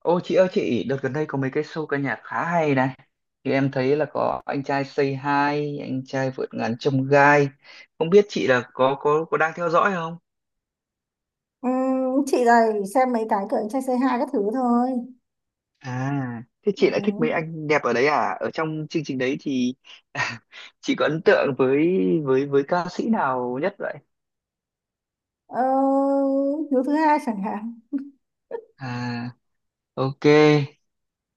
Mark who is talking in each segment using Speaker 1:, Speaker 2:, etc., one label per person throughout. Speaker 1: Ô chị ơi chị, đợt gần đây có mấy cái show ca nhạc khá hay này. Thì em thấy là có anh trai Say Hi, anh trai vượt ngàn chông gai. Không biết chị là có đang theo dõi không?
Speaker 2: Ừ, chị này xem mấy cái kiểu trai c hai các thứ thôi.
Speaker 1: À, thế
Speaker 2: Ừ.
Speaker 1: chị lại thích mấy anh đẹp ở đấy à? Ở trong chương trình đấy thì chị có ấn tượng với với ca sĩ nào nhất vậy?
Speaker 2: ờ, Hiếu thứ hai chẳng hạn.
Speaker 1: À, ok.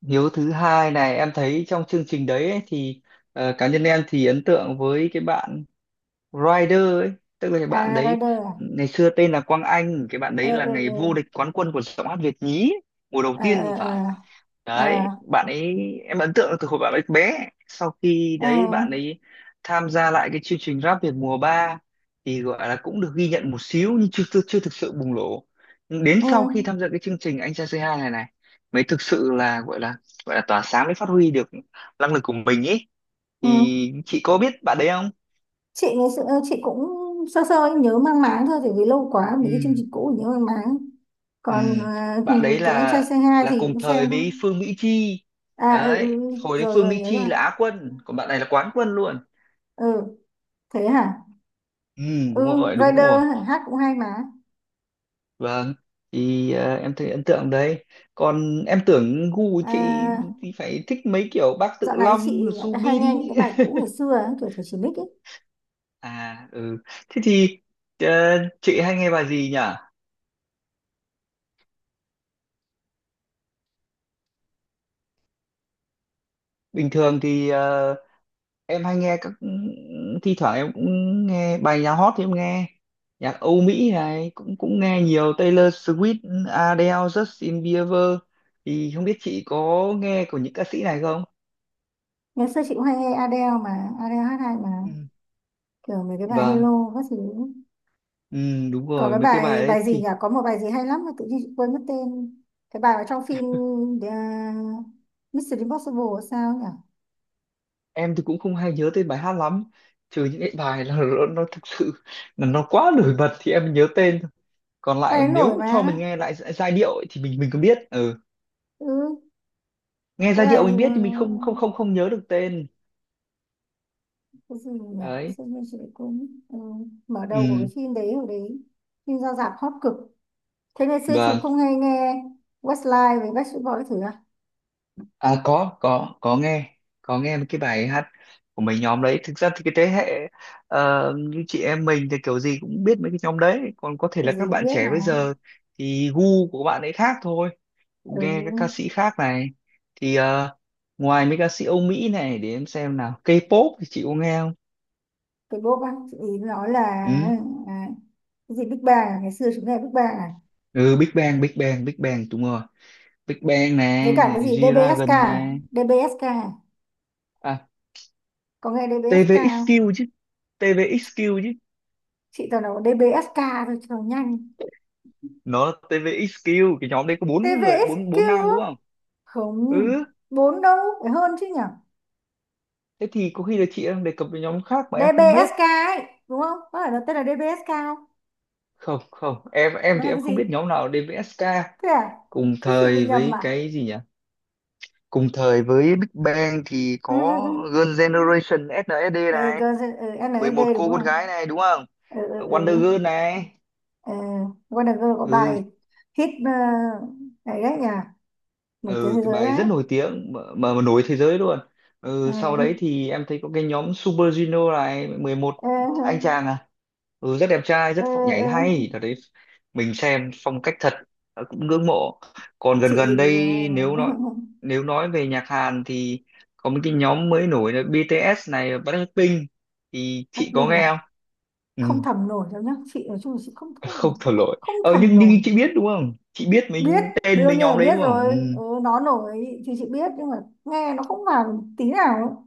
Speaker 1: Hiếu thứ hai này em thấy trong chương trình đấy ấy, thì cá nhân em thì ấn tượng với cái bạn Rider ấy, tức là cái bạn
Speaker 2: À,
Speaker 1: đấy
Speaker 2: Rider à?
Speaker 1: ngày xưa tên là Quang Anh. Cái bạn
Speaker 2: Ờ,
Speaker 1: đấy là
Speaker 2: ờ,
Speaker 1: ngày vô địch quán quân của giọng hát Việt nhí mùa đầu
Speaker 2: ờ,
Speaker 1: tiên
Speaker 2: ờ,
Speaker 1: thì phải.
Speaker 2: ờ, ờ,
Speaker 1: Đấy, bạn ấy em ấn tượng từ hồi bạn ấy bé. Sau khi
Speaker 2: ờ,
Speaker 1: đấy
Speaker 2: ờ,
Speaker 1: bạn ấy tham gia lại cái chương trình Rap Việt mùa 3 thì gọi là cũng được ghi nhận một xíu nhưng chưa chưa, chưa thực sự bùng nổ. Nhưng đến
Speaker 2: ừ,
Speaker 1: sau khi tham gia cái chương trình Anh Trai Say Hi này này mới thực sự là gọi là gọi là tỏa sáng, mới phát huy được năng lực của mình ấy.
Speaker 2: ừ.
Speaker 1: Thì chị có biết bạn đấy không?
Speaker 2: Chị ngày xưa, chị cũng sơ sơ, nhớ mang máng thôi, tại vì lâu quá mấy cái chương
Speaker 1: Ừ.
Speaker 2: trình cũ nhớ mang máng.
Speaker 1: Ừ,
Speaker 2: Còn
Speaker 1: bạn đấy
Speaker 2: cái anh trai
Speaker 1: là
Speaker 2: c hai thì
Speaker 1: cùng
Speaker 2: cũng xem.
Speaker 1: thời với Phương Mỹ Chi
Speaker 2: À, ừ,
Speaker 1: đấy.
Speaker 2: ừ, ừ.
Speaker 1: Hồi đấy
Speaker 2: Rồi
Speaker 1: Phương
Speaker 2: rồi,
Speaker 1: Mỹ
Speaker 2: nhớ
Speaker 1: Chi
Speaker 2: rồi.
Speaker 1: là á quân còn bạn này là quán quân luôn.
Speaker 2: Ừ, thế hả.
Speaker 1: Ừ, đúng
Speaker 2: Ừ,
Speaker 1: rồi đúng rồi
Speaker 2: Rider hả, hát cũng hay mà.
Speaker 1: Vâng, thì em thấy ấn tượng đấy. Còn em tưởng gu của chị
Speaker 2: À,
Speaker 1: thì phải thích mấy kiểu Bác Tự
Speaker 2: dạo này chị
Speaker 1: Long,
Speaker 2: lại hay nghe
Speaker 1: Subin.
Speaker 2: những cái bài cũ ngày xưa ấy, kiểu Thủy Chỉ Bích ấy.
Speaker 1: À ừ, thế thì ờ, chị hay nghe bài gì nhỉ? Bình thường thì em hay nghe các thi thoảng em cũng nghe bài nhạc hot thì em nghe nhạc Âu Mỹ này, cũng cũng nghe nhiều Taylor Swift, Adele, Justin Bieber, thì không biết chị có nghe của những ca sĩ này không?
Speaker 2: Ngày xưa chị cũng hay nghe Adele mà, Adele hát hay mà.
Speaker 1: Ừ.
Speaker 2: Kiểu mấy cái bài
Speaker 1: Vâng,
Speaker 2: Hello các thứ.
Speaker 1: ừ, đúng
Speaker 2: Có
Speaker 1: rồi
Speaker 2: cái
Speaker 1: mấy cái bài
Speaker 2: bài
Speaker 1: đấy
Speaker 2: bài gì nhỉ?
Speaker 1: thì
Speaker 2: Có một bài gì hay lắm mà tự nhiên chị quên mất tên. Cái bài ở trong phim, uh, Mission Impossible hay sao nhỉ?
Speaker 1: em thì cũng không hay nhớ tên bài hát lắm, trừ những cái bài là nó thực sự là nó quá nổi bật thì em nhớ tên thôi. Còn
Speaker 2: Bài
Speaker 1: lại
Speaker 2: đấy
Speaker 1: nếu
Speaker 2: nổi
Speaker 1: cho
Speaker 2: mà.
Speaker 1: mình nghe lại giai điệu ấy, thì mình cũng biết, ừ.
Speaker 2: Ừ,
Speaker 1: Nghe
Speaker 2: cái
Speaker 1: giai
Speaker 2: bài
Speaker 1: điệu
Speaker 2: gì
Speaker 1: mình
Speaker 2: mà...
Speaker 1: biết thì mình không không không không nhớ được tên.
Speaker 2: Cái gì nhỉ?
Speaker 1: Đấy,
Speaker 2: Sao nhiên chị lại quên. Ừ. Mở đầu của cái
Speaker 1: ừ.
Speaker 2: phim đấy hồi đấy. Phim ra rạp hot cực. Thế ngày xưa chú
Speaker 1: Vâng,
Speaker 2: không hay nghe Westlife với Backstreet Boys thử?
Speaker 1: à có có nghe mấy cái bài hát của mấy nhóm đấy. Thực ra thì cái thế hệ như chị em mình thì kiểu gì cũng biết mấy cái nhóm đấy, còn có thể là
Speaker 2: Tụi gì
Speaker 1: các
Speaker 2: cũng
Speaker 1: bạn
Speaker 2: biết
Speaker 1: trẻ
Speaker 2: mà.
Speaker 1: bây giờ thì gu của các bạn ấy khác thôi,
Speaker 2: Ừ.
Speaker 1: nghe các ca sĩ khác này. Thì ngoài mấy ca sĩ Âu Mỹ này, để em xem nào, K-pop thì chị có nghe không?
Speaker 2: Cái bốp á chị ý nói là,
Speaker 1: Ừ,
Speaker 2: à, cái gì Big Bang à? Ngày xưa chúng ta là Big Bang à?
Speaker 1: ừ Big Bang đúng rồi. Big Bang này,
Speaker 2: Với cả cái gì DBSK
Speaker 1: G-Dragon
Speaker 2: à?
Speaker 1: này,
Speaker 2: DBSK à?
Speaker 1: à
Speaker 2: Có nghe DBSK
Speaker 1: TVXQ
Speaker 2: không?
Speaker 1: chứ, TVXQ chứ.
Speaker 2: Chị toàn nói DBSK thôi cho nhanh.
Speaker 1: Nó TVXQ, cái nhóm đấy có bốn người, bốn
Speaker 2: TVXQ
Speaker 1: bốn nam
Speaker 2: á?
Speaker 1: đúng không?
Speaker 2: Không,
Speaker 1: Ừ,
Speaker 2: bốn đâu, phải hơn chứ nhở?
Speaker 1: thế thì có khi là chị đang đề cập với nhóm khác mà em không biết.
Speaker 2: DBSK ấy, đúng không, có phải nó tên là DBSK không?
Speaker 1: Không không em em
Speaker 2: Nó
Speaker 1: thì
Speaker 2: là
Speaker 1: em
Speaker 2: cái
Speaker 1: không
Speaker 2: gì?
Speaker 1: biết nhóm nào DVSK.
Speaker 2: Thế à.
Speaker 1: Cùng
Speaker 2: Thế chị bị
Speaker 1: thời
Speaker 2: nhầm
Speaker 1: với
Speaker 2: à?
Speaker 1: cái gì nhỉ? Cùng thời với Big Bang thì
Speaker 2: Ừ, ừ,
Speaker 1: có
Speaker 2: ừ,
Speaker 1: Girl Generation SNSD
Speaker 2: ừ,
Speaker 1: này,
Speaker 2: ừ,
Speaker 1: 11
Speaker 2: NSD đúng
Speaker 1: cô
Speaker 2: không
Speaker 1: con
Speaker 2: ạ?
Speaker 1: gái này đúng không?
Speaker 2: Ừ, ừ,
Speaker 1: Ờ,
Speaker 2: ừ,
Speaker 1: Wonder Girl này.
Speaker 2: ờ, Wonder Girl có
Speaker 1: Ừ,
Speaker 2: bài hit, này đấy nhỉ, nổi tiếng
Speaker 1: ừ
Speaker 2: thế
Speaker 1: cái
Speaker 2: giới
Speaker 1: bài
Speaker 2: đấy.
Speaker 1: rất nổi tiếng mà, mà nổi thế giới luôn.
Speaker 2: Ờ,
Speaker 1: Ừ sau đấy thì em thấy có cái nhóm Super Junior này, 11
Speaker 2: ờ,
Speaker 1: anh chàng à. Ừ, rất đẹp trai,
Speaker 2: ờ,
Speaker 1: rất phong nhảy
Speaker 2: ờ,
Speaker 1: hay. Đợt đấy mình xem phong cách thật, ờ, cũng ngưỡng mộ. Còn gần
Speaker 2: chị
Speaker 1: gần đây nếu nói, nếu nói về nhạc Hàn thì có một cái nhóm mới nổi là BTS này, Blackpink, thì chị
Speaker 2: Cát
Speaker 1: có
Speaker 2: Bình
Speaker 1: nghe
Speaker 2: à.
Speaker 1: không? Ừ,
Speaker 2: Không thầm nổi đâu nhá, chị nói chung là chị không không
Speaker 1: không
Speaker 2: thầm.
Speaker 1: thổ lỗi.
Speaker 2: Không
Speaker 1: Ờ,
Speaker 2: thầm
Speaker 1: nhưng
Speaker 2: nổi.
Speaker 1: chị biết đúng không, chị biết
Speaker 2: Biết.
Speaker 1: mình tên
Speaker 2: Đương
Speaker 1: mấy
Speaker 2: nhiên là
Speaker 1: nhóm đấy
Speaker 2: biết
Speaker 1: đúng không?
Speaker 2: rồi.
Speaker 1: Ừ.
Speaker 2: Ừ, nó nổi thì chị biết nhưng mà nghe nó không vào tí nào ấy.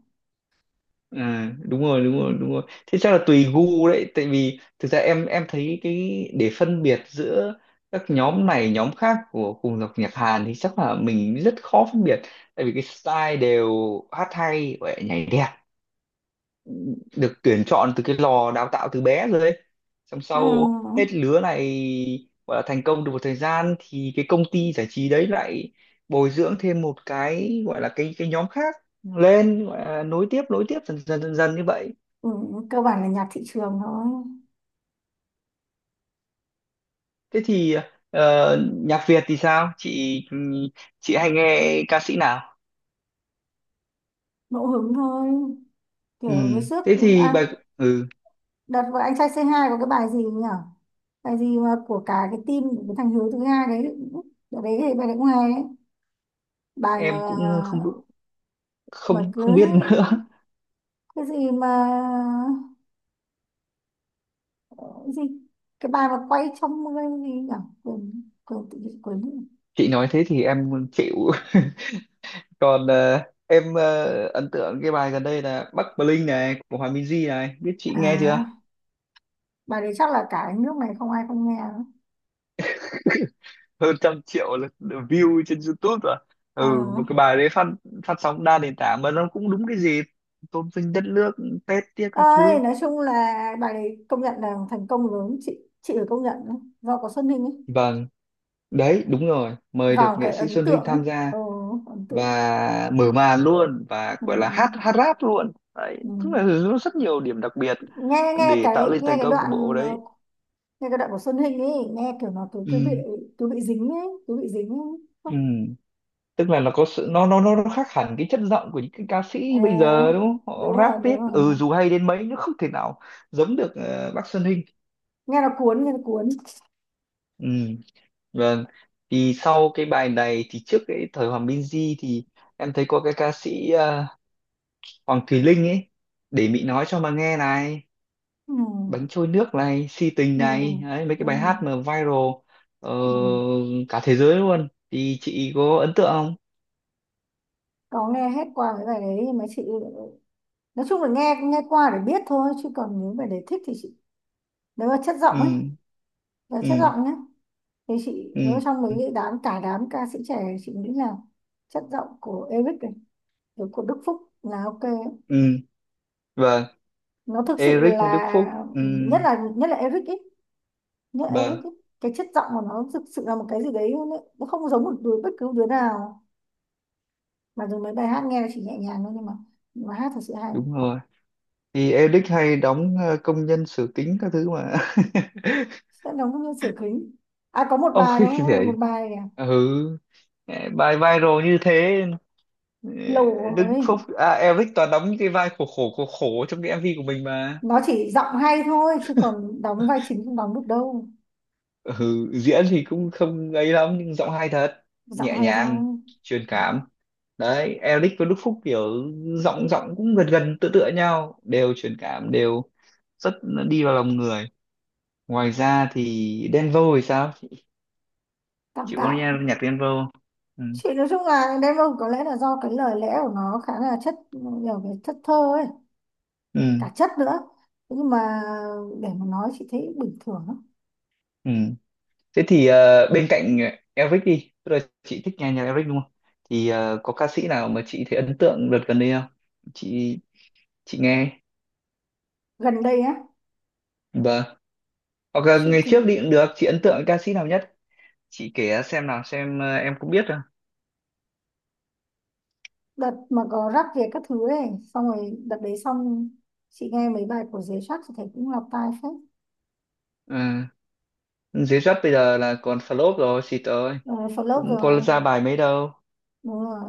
Speaker 1: À, đúng rồi, thế chắc là tùy gu đấy. Tại vì thực ra em thấy cái để phân biệt giữa các nhóm này nhóm khác của cùng dòng nhạc Hàn thì chắc là mình rất khó phân biệt, tại vì cái style đều hát hay và nhảy đẹp, được tuyển chọn từ cái lò đào tạo từ bé rồi ấy. Xong
Speaker 2: Ừ,
Speaker 1: sau hết lứa này gọi là thành công được một thời gian thì cái công ty giải trí đấy lại bồi dưỡng thêm một cái gọi là cái nhóm khác lên, gọi là nối tiếp, nối tiếp dần dần như vậy.
Speaker 2: ừ, cơ bản là nhạc thị trường thôi.
Speaker 1: Thế thì nhạc Việt thì sao? Chị hay nghe ca sĩ nào?
Speaker 2: Ngẫu hứng thôi,
Speaker 1: Ừ.
Speaker 2: kiểu với sức.
Speaker 1: Thế thì bài,
Speaker 2: À,
Speaker 1: ừ
Speaker 2: đợt vừa anh trai c hai có cái bài gì nhỉ? Bài gì mà của cả cái team của cái thằng Hiếu thứ hai đấy. Đợt đấy thì bài đấy cũng hay đấy. Bài mà
Speaker 1: em cũng không
Speaker 2: mà
Speaker 1: không
Speaker 2: cứ
Speaker 1: không biết nữa.
Speaker 2: cái gì mà, cái gì, cái bài mà quay trong mưa hay gì nhỉ? Quên quên tự nhiên quên nữa.
Speaker 1: Chị nói thế thì em chịu. Còn em ấn tượng cái bài gần đây là Bắc Bling này của Hòa Minzy này, biết chị nghe chưa?
Speaker 2: À, bài đấy chắc là cả cái nước này không ai không nghe nữa.
Speaker 1: Hơn trăm triệu lượt view trên YouTube rồi.
Speaker 2: Ờ
Speaker 1: Ừ, một cái bài đấy phát, phát sóng đa nền tảng mà nó cũng đúng cái gì, tôn vinh đất nước, Tết tiếc các
Speaker 2: ơi,
Speaker 1: thứ.
Speaker 2: nói chung là bài đấy công nhận là thành công lớn, chị phải công nhận đấy. Do có Xuân Ninh ấy
Speaker 1: Vâng. Đấy, đúng rồi, mời được
Speaker 2: vào
Speaker 1: nghệ
Speaker 2: cái
Speaker 1: sĩ
Speaker 2: ấn
Speaker 1: Xuân
Speaker 2: tượng
Speaker 1: Hinh
Speaker 2: ấy.
Speaker 1: tham gia
Speaker 2: Ờ, ấn tượng.
Speaker 1: và mở màn luôn và
Speaker 2: Ừ.
Speaker 1: gọi là hát, hát rap luôn đấy,
Speaker 2: Ừ.
Speaker 1: tức là nó rất nhiều điểm đặc biệt
Speaker 2: nghe
Speaker 1: để tạo lên
Speaker 2: nghe
Speaker 1: thành
Speaker 2: cái
Speaker 1: công của bộ
Speaker 2: đoạn
Speaker 1: đấy.
Speaker 2: ờ, Nghe cái đoạn của Xuân Hinh ấy, nghe kiểu nó cứ cứ bị,
Speaker 1: ừ,
Speaker 2: cứ bị dính ấy, cứ bị dính ấy. Không.
Speaker 1: ừ. Tức là nó có sự, nó khác hẳn cái chất giọng của những cái ca
Speaker 2: À,
Speaker 1: sĩ bây giờ đúng không, họ
Speaker 2: đúng
Speaker 1: rap
Speaker 2: rồi đúng
Speaker 1: viết
Speaker 2: rồi.
Speaker 1: ừ dù hay đến mấy nó không thể nào giống được bác Xuân Hinh.
Speaker 2: Nghe nó cuốn, nghe nó cuốn.
Speaker 1: Ừ. Vâng, thì sau cái bài này thì trước cái thời Hoàng Minh Di thì em thấy có cái ca sĩ Hoàng Thùy Linh ấy, để Mị nói cho mà nghe này,
Speaker 2: Ừ,
Speaker 1: bánh trôi nước này, si tình
Speaker 2: ừ,
Speaker 1: này, đấy, mấy cái
Speaker 2: ừ,
Speaker 1: bài hát mà viral ờ,
Speaker 2: ừ.
Speaker 1: cả thế giới luôn, thì chị có ấn tượng không?
Speaker 2: Có nghe hết qua cái bài đấy nhưng mà chị, nói chung là nghe nghe qua để biết thôi, chứ còn nếu mà để thích thì chị, nếu mà chất giọng ấy,
Speaker 1: Ừ
Speaker 2: là chất
Speaker 1: ừ
Speaker 2: giọng nhé, thì chị,
Speaker 1: ừ
Speaker 2: nếu trong mấy cái đám cả đám ca sĩ trẻ, chị nghĩ là chất giọng của Eric này, rồi của Đức Phúc là ok.
Speaker 1: ừ, vâng.
Speaker 2: Nó thực sự
Speaker 1: Eric Đức Phúc,
Speaker 2: là
Speaker 1: ừ,
Speaker 2: nhất, là nhất là Eric ấy. Nhớ
Speaker 1: vâng
Speaker 2: Eric ấy, cái chất giọng của nó thực sự là một cái gì đấy luôn ấy. Nó không giống một đứa, bất cứ đứa nào, mà dù mấy bài hát nghe chỉ nhẹ nhàng thôi, nhưng mà hát thật sự hay.
Speaker 1: đúng rồi, thì Eric hay đóng công nhân sửa kính các thứ mà.
Speaker 2: Sẽ đóng như sửa kính. À, có một bài
Speaker 1: Ôi
Speaker 2: nó, một
Speaker 1: để,
Speaker 2: bài này,
Speaker 1: ừ, bài viral như thế. Ừ,
Speaker 2: lầu
Speaker 1: Đức
Speaker 2: ấy.
Speaker 1: Phúc à, Eric toàn đóng những cái vai khổ khổ khổ khổ trong cái MV của mình mà.
Speaker 2: Nó chỉ giọng hay thôi chứ còn đóng vai chính không đóng được đâu.
Speaker 1: Ừ, diễn thì cũng không ấy lắm nhưng giọng hay thật,
Speaker 2: Giọng
Speaker 1: nhẹ
Speaker 2: hay thôi.
Speaker 1: nhàng, truyền cảm. Đấy, Eric và Đức Phúc kiểu giọng giọng cũng gần gần tựa tựa nhau, đều truyền cảm, đều rất đi vào lòng người. Ngoài ra thì Denvo thì sao,
Speaker 2: Tạm
Speaker 1: chị có nghe
Speaker 2: tạm.
Speaker 1: nhạc Denvo? Ừ.
Speaker 2: Chị nói chung là đêm, có lẽ là do cái lời lẽ của nó khá là chất, nhiều cái chất thơ ấy,
Speaker 1: Ừ.
Speaker 2: cả chất nữa. Thế nhưng mà để mà nói chị thấy bình thường lắm.
Speaker 1: Ừ. Thế thì bên cạnh Eric đi, tức là chị thích nghe nhạc Eric đúng không? Thì có ca sĩ nào mà chị thấy ấn tượng đợt gần đây không? Chị nghe.
Speaker 2: Gần đây á.
Speaker 1: Vâng. Hoặc là
Speaker 2: Chị
Speaker 1: ngày trước
Speaker 2: thì,
Speaker 1: đi cũng được, chị ấn tượng ca sĩ nào nhất? Chị kể xem nào xem, em cũng biết rồi.
Speaker 2: đợt mà có rắc về các thứ ấy, xong rồi đợt đấy xong chị nghe mấy bài của Giới Sắc thì thấy cũng lọt tai phết.
Speaker 1: Ừ. Dưới rap bây giờ là còn flop rồi, xịt ơi.
Speaker 2: Ờ, phần lớp
Speaker 1: Cũng
Speaker 2: rồi.
Speaker 1: có ra bài mấy đâu.
Speaker 2: Đúng rồi.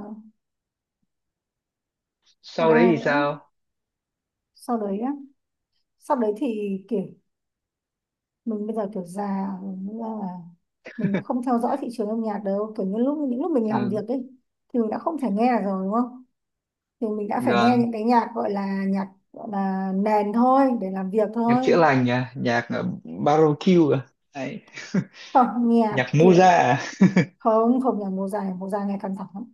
Speaker 2: Còn
Speaker 1: Sau đấy
Speaker 2: ai
Speaker 1: thì
Speaker 2: nữa,
Speaker 1: sao?
Speaker 2: sau đấy á, sau đấy thì kiểu mình bây giờ kiểu già rồi, nên là mình cũng không theo dõi thị trường âm nhạc đâu, kiểu như lúc, những lúc mình làm
Speaker 1: Ừ.
Speaker 2: việc ấy thì mình đã không thể nghe rồi đúng không, thì mình đã phải nghe
Speaker 1: Gần.
Speaker 2: những cái nhạc gọi là, nhạc gọi là nền thôi, để làm việc
Speaker 1: Nhạc
Speaker 2: thôi.
Speaker 1: chữa lành à, nhạc barbecue à. Đấy.
Speaker 2: Không, nhạc
Speaker 1: Nhạc Moza
Speaker 2: kiểu
Speaker 1: à.
Speaker 2: không không nhạc mùa dài, mùa dài ngày càng thẳng.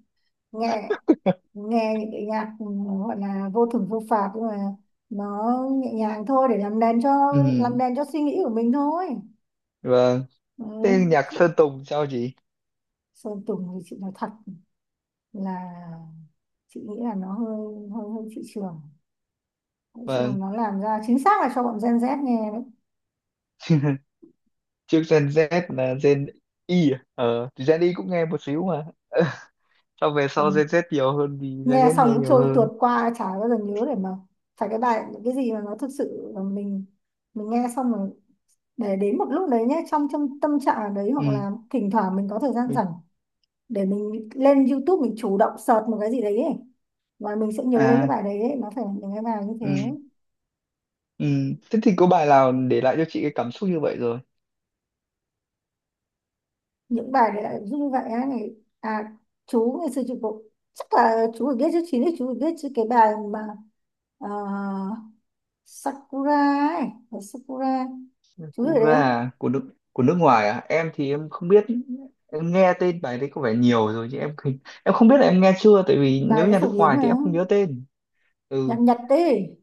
Speaker 2: nghe nghe những cái nhạc, ừ, gọi là vô thưởng vô phạt nhưng mà nó nhẹ nhàng thôi, để làm đèn cho,
Speaker 1: Ừ.
Speaker 2: làm đèn cho suy nghĩ của mình thôi.
Speaker 1: Vâng.
Speaker 2: Ừ.
Speaker 1: Thế nhạc
Speaker 2: Chứ
Speaker 1: Sơn Tùng sao chị?
Speaker 2: Sơn Tùng thì chị nói thật là chị nghĩ là nó hơi hơi hơi thị trường. Nói chung là
Speaker 1: Vâng,
Speaker 2: nó làm ra chính xác là cho bọn Gen Z nghe đấy.
Speaker 1: trước Gen Z là Gen Y à? Ờ, thì Gen Y cũng nghe một xíu mà. Sau về sau
Speaker 2: Còn
Speaker 1: Gen Z nhiều hơn vì Gen
Speaker 2: nghe
Speaker 1: Z
Speaker 2: xong
Speaker 1: nghe
Speaker 2: cứ
Speaker 1: nhiều
Speaker 2: trôi tuột
Speaker 1: hơn.
Speaker 2: qua chả bao giờ nhớ, để mà phải cái bài cái gì mà nó thực sự là mình nghe xong rồi, để đến một lúc đấy nhé, trong trong tâm trạng ở đấy, hoặc
Speaker 1: Ừ,
Speaker 2: là thỉnh thoảng mình có thời gian
Speaker 1: mình-
Speaker 2: rảnh, để mình lên YouTube mình chủ động search một cái gì đấy ấy. Và mình sẽ nhớ đến cái
Speaker 1: à,
Speaker 2: bài đấy ấy. Nó phải là những cái bài như thế.
Speaker 1: ừ, ừ. Thế thì có bài nào để lại cho chị cái cảm xúc như vậy rồi?
Speaker 2: Những bài đấy là giúp như vậy á? Này à, chú ngày xưa chú cũng, chắc là chú phải biết chứ, chín thì chú phải biết chứ, cái bài mà ờ, Sakura ấy, bài Sakura chú biết
Speaker 1: Cú
Speaker 2: đấy
Speaker 1: ra
Speaker 2: không?
Speaker 1: à? Của nước, của nước ngoài à? Em thì em không biết, em nghe tên bài đấy có vẻ nhiều rồi chứ em không biết là em nghe chưa, tại vì
Speaker 2: Bài
Speaker 1: nếu
Speaker 2: đấy
Speaker 1: nhà
Speaker 2: phổ
Speaker 1: nước
Speaker 2: biến
Speaker 1: ngoài
Speaker 2: mà.
Speaker 1: thì em không nhớ tên. Ừ.
Speaker 2: Nhạc Nhật đấy.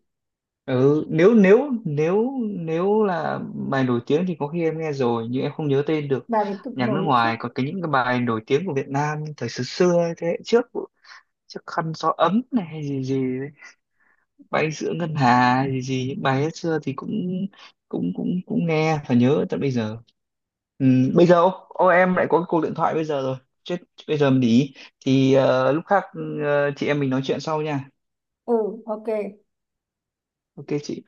Speaker 1: Ừ nếu nếu nếu nếu là bài nổi tiếng thì có khi em nghe rồi nhưng em không nhớ tên được.
Speaker 2: Bài đấy cực
Speaker 1: Nhạc nước
Speaker 2: nổi chứ.
Speaker 1: ngoài, còn cái những cái bài nổi tiếng của Việt Nam thời xưa xưa ấy, thế hệ trước, trước khăn gió ấm này hay gì gì ấy, bay giữa ngân hà hay gì gì, những bài hết xưa thì cũng cũng cũng cũng nghe và nhớ tận bây giờ. Ừ, bây giờ ô, ô, em lại có cái cuộc điện thoại bây giờ rồi. Chết, bây giờ mình đi, thì lúc khác chị em mình nói chuyện sau nha.
Speaker 2: Ừ, ok.
Speaker 1: Ok chị.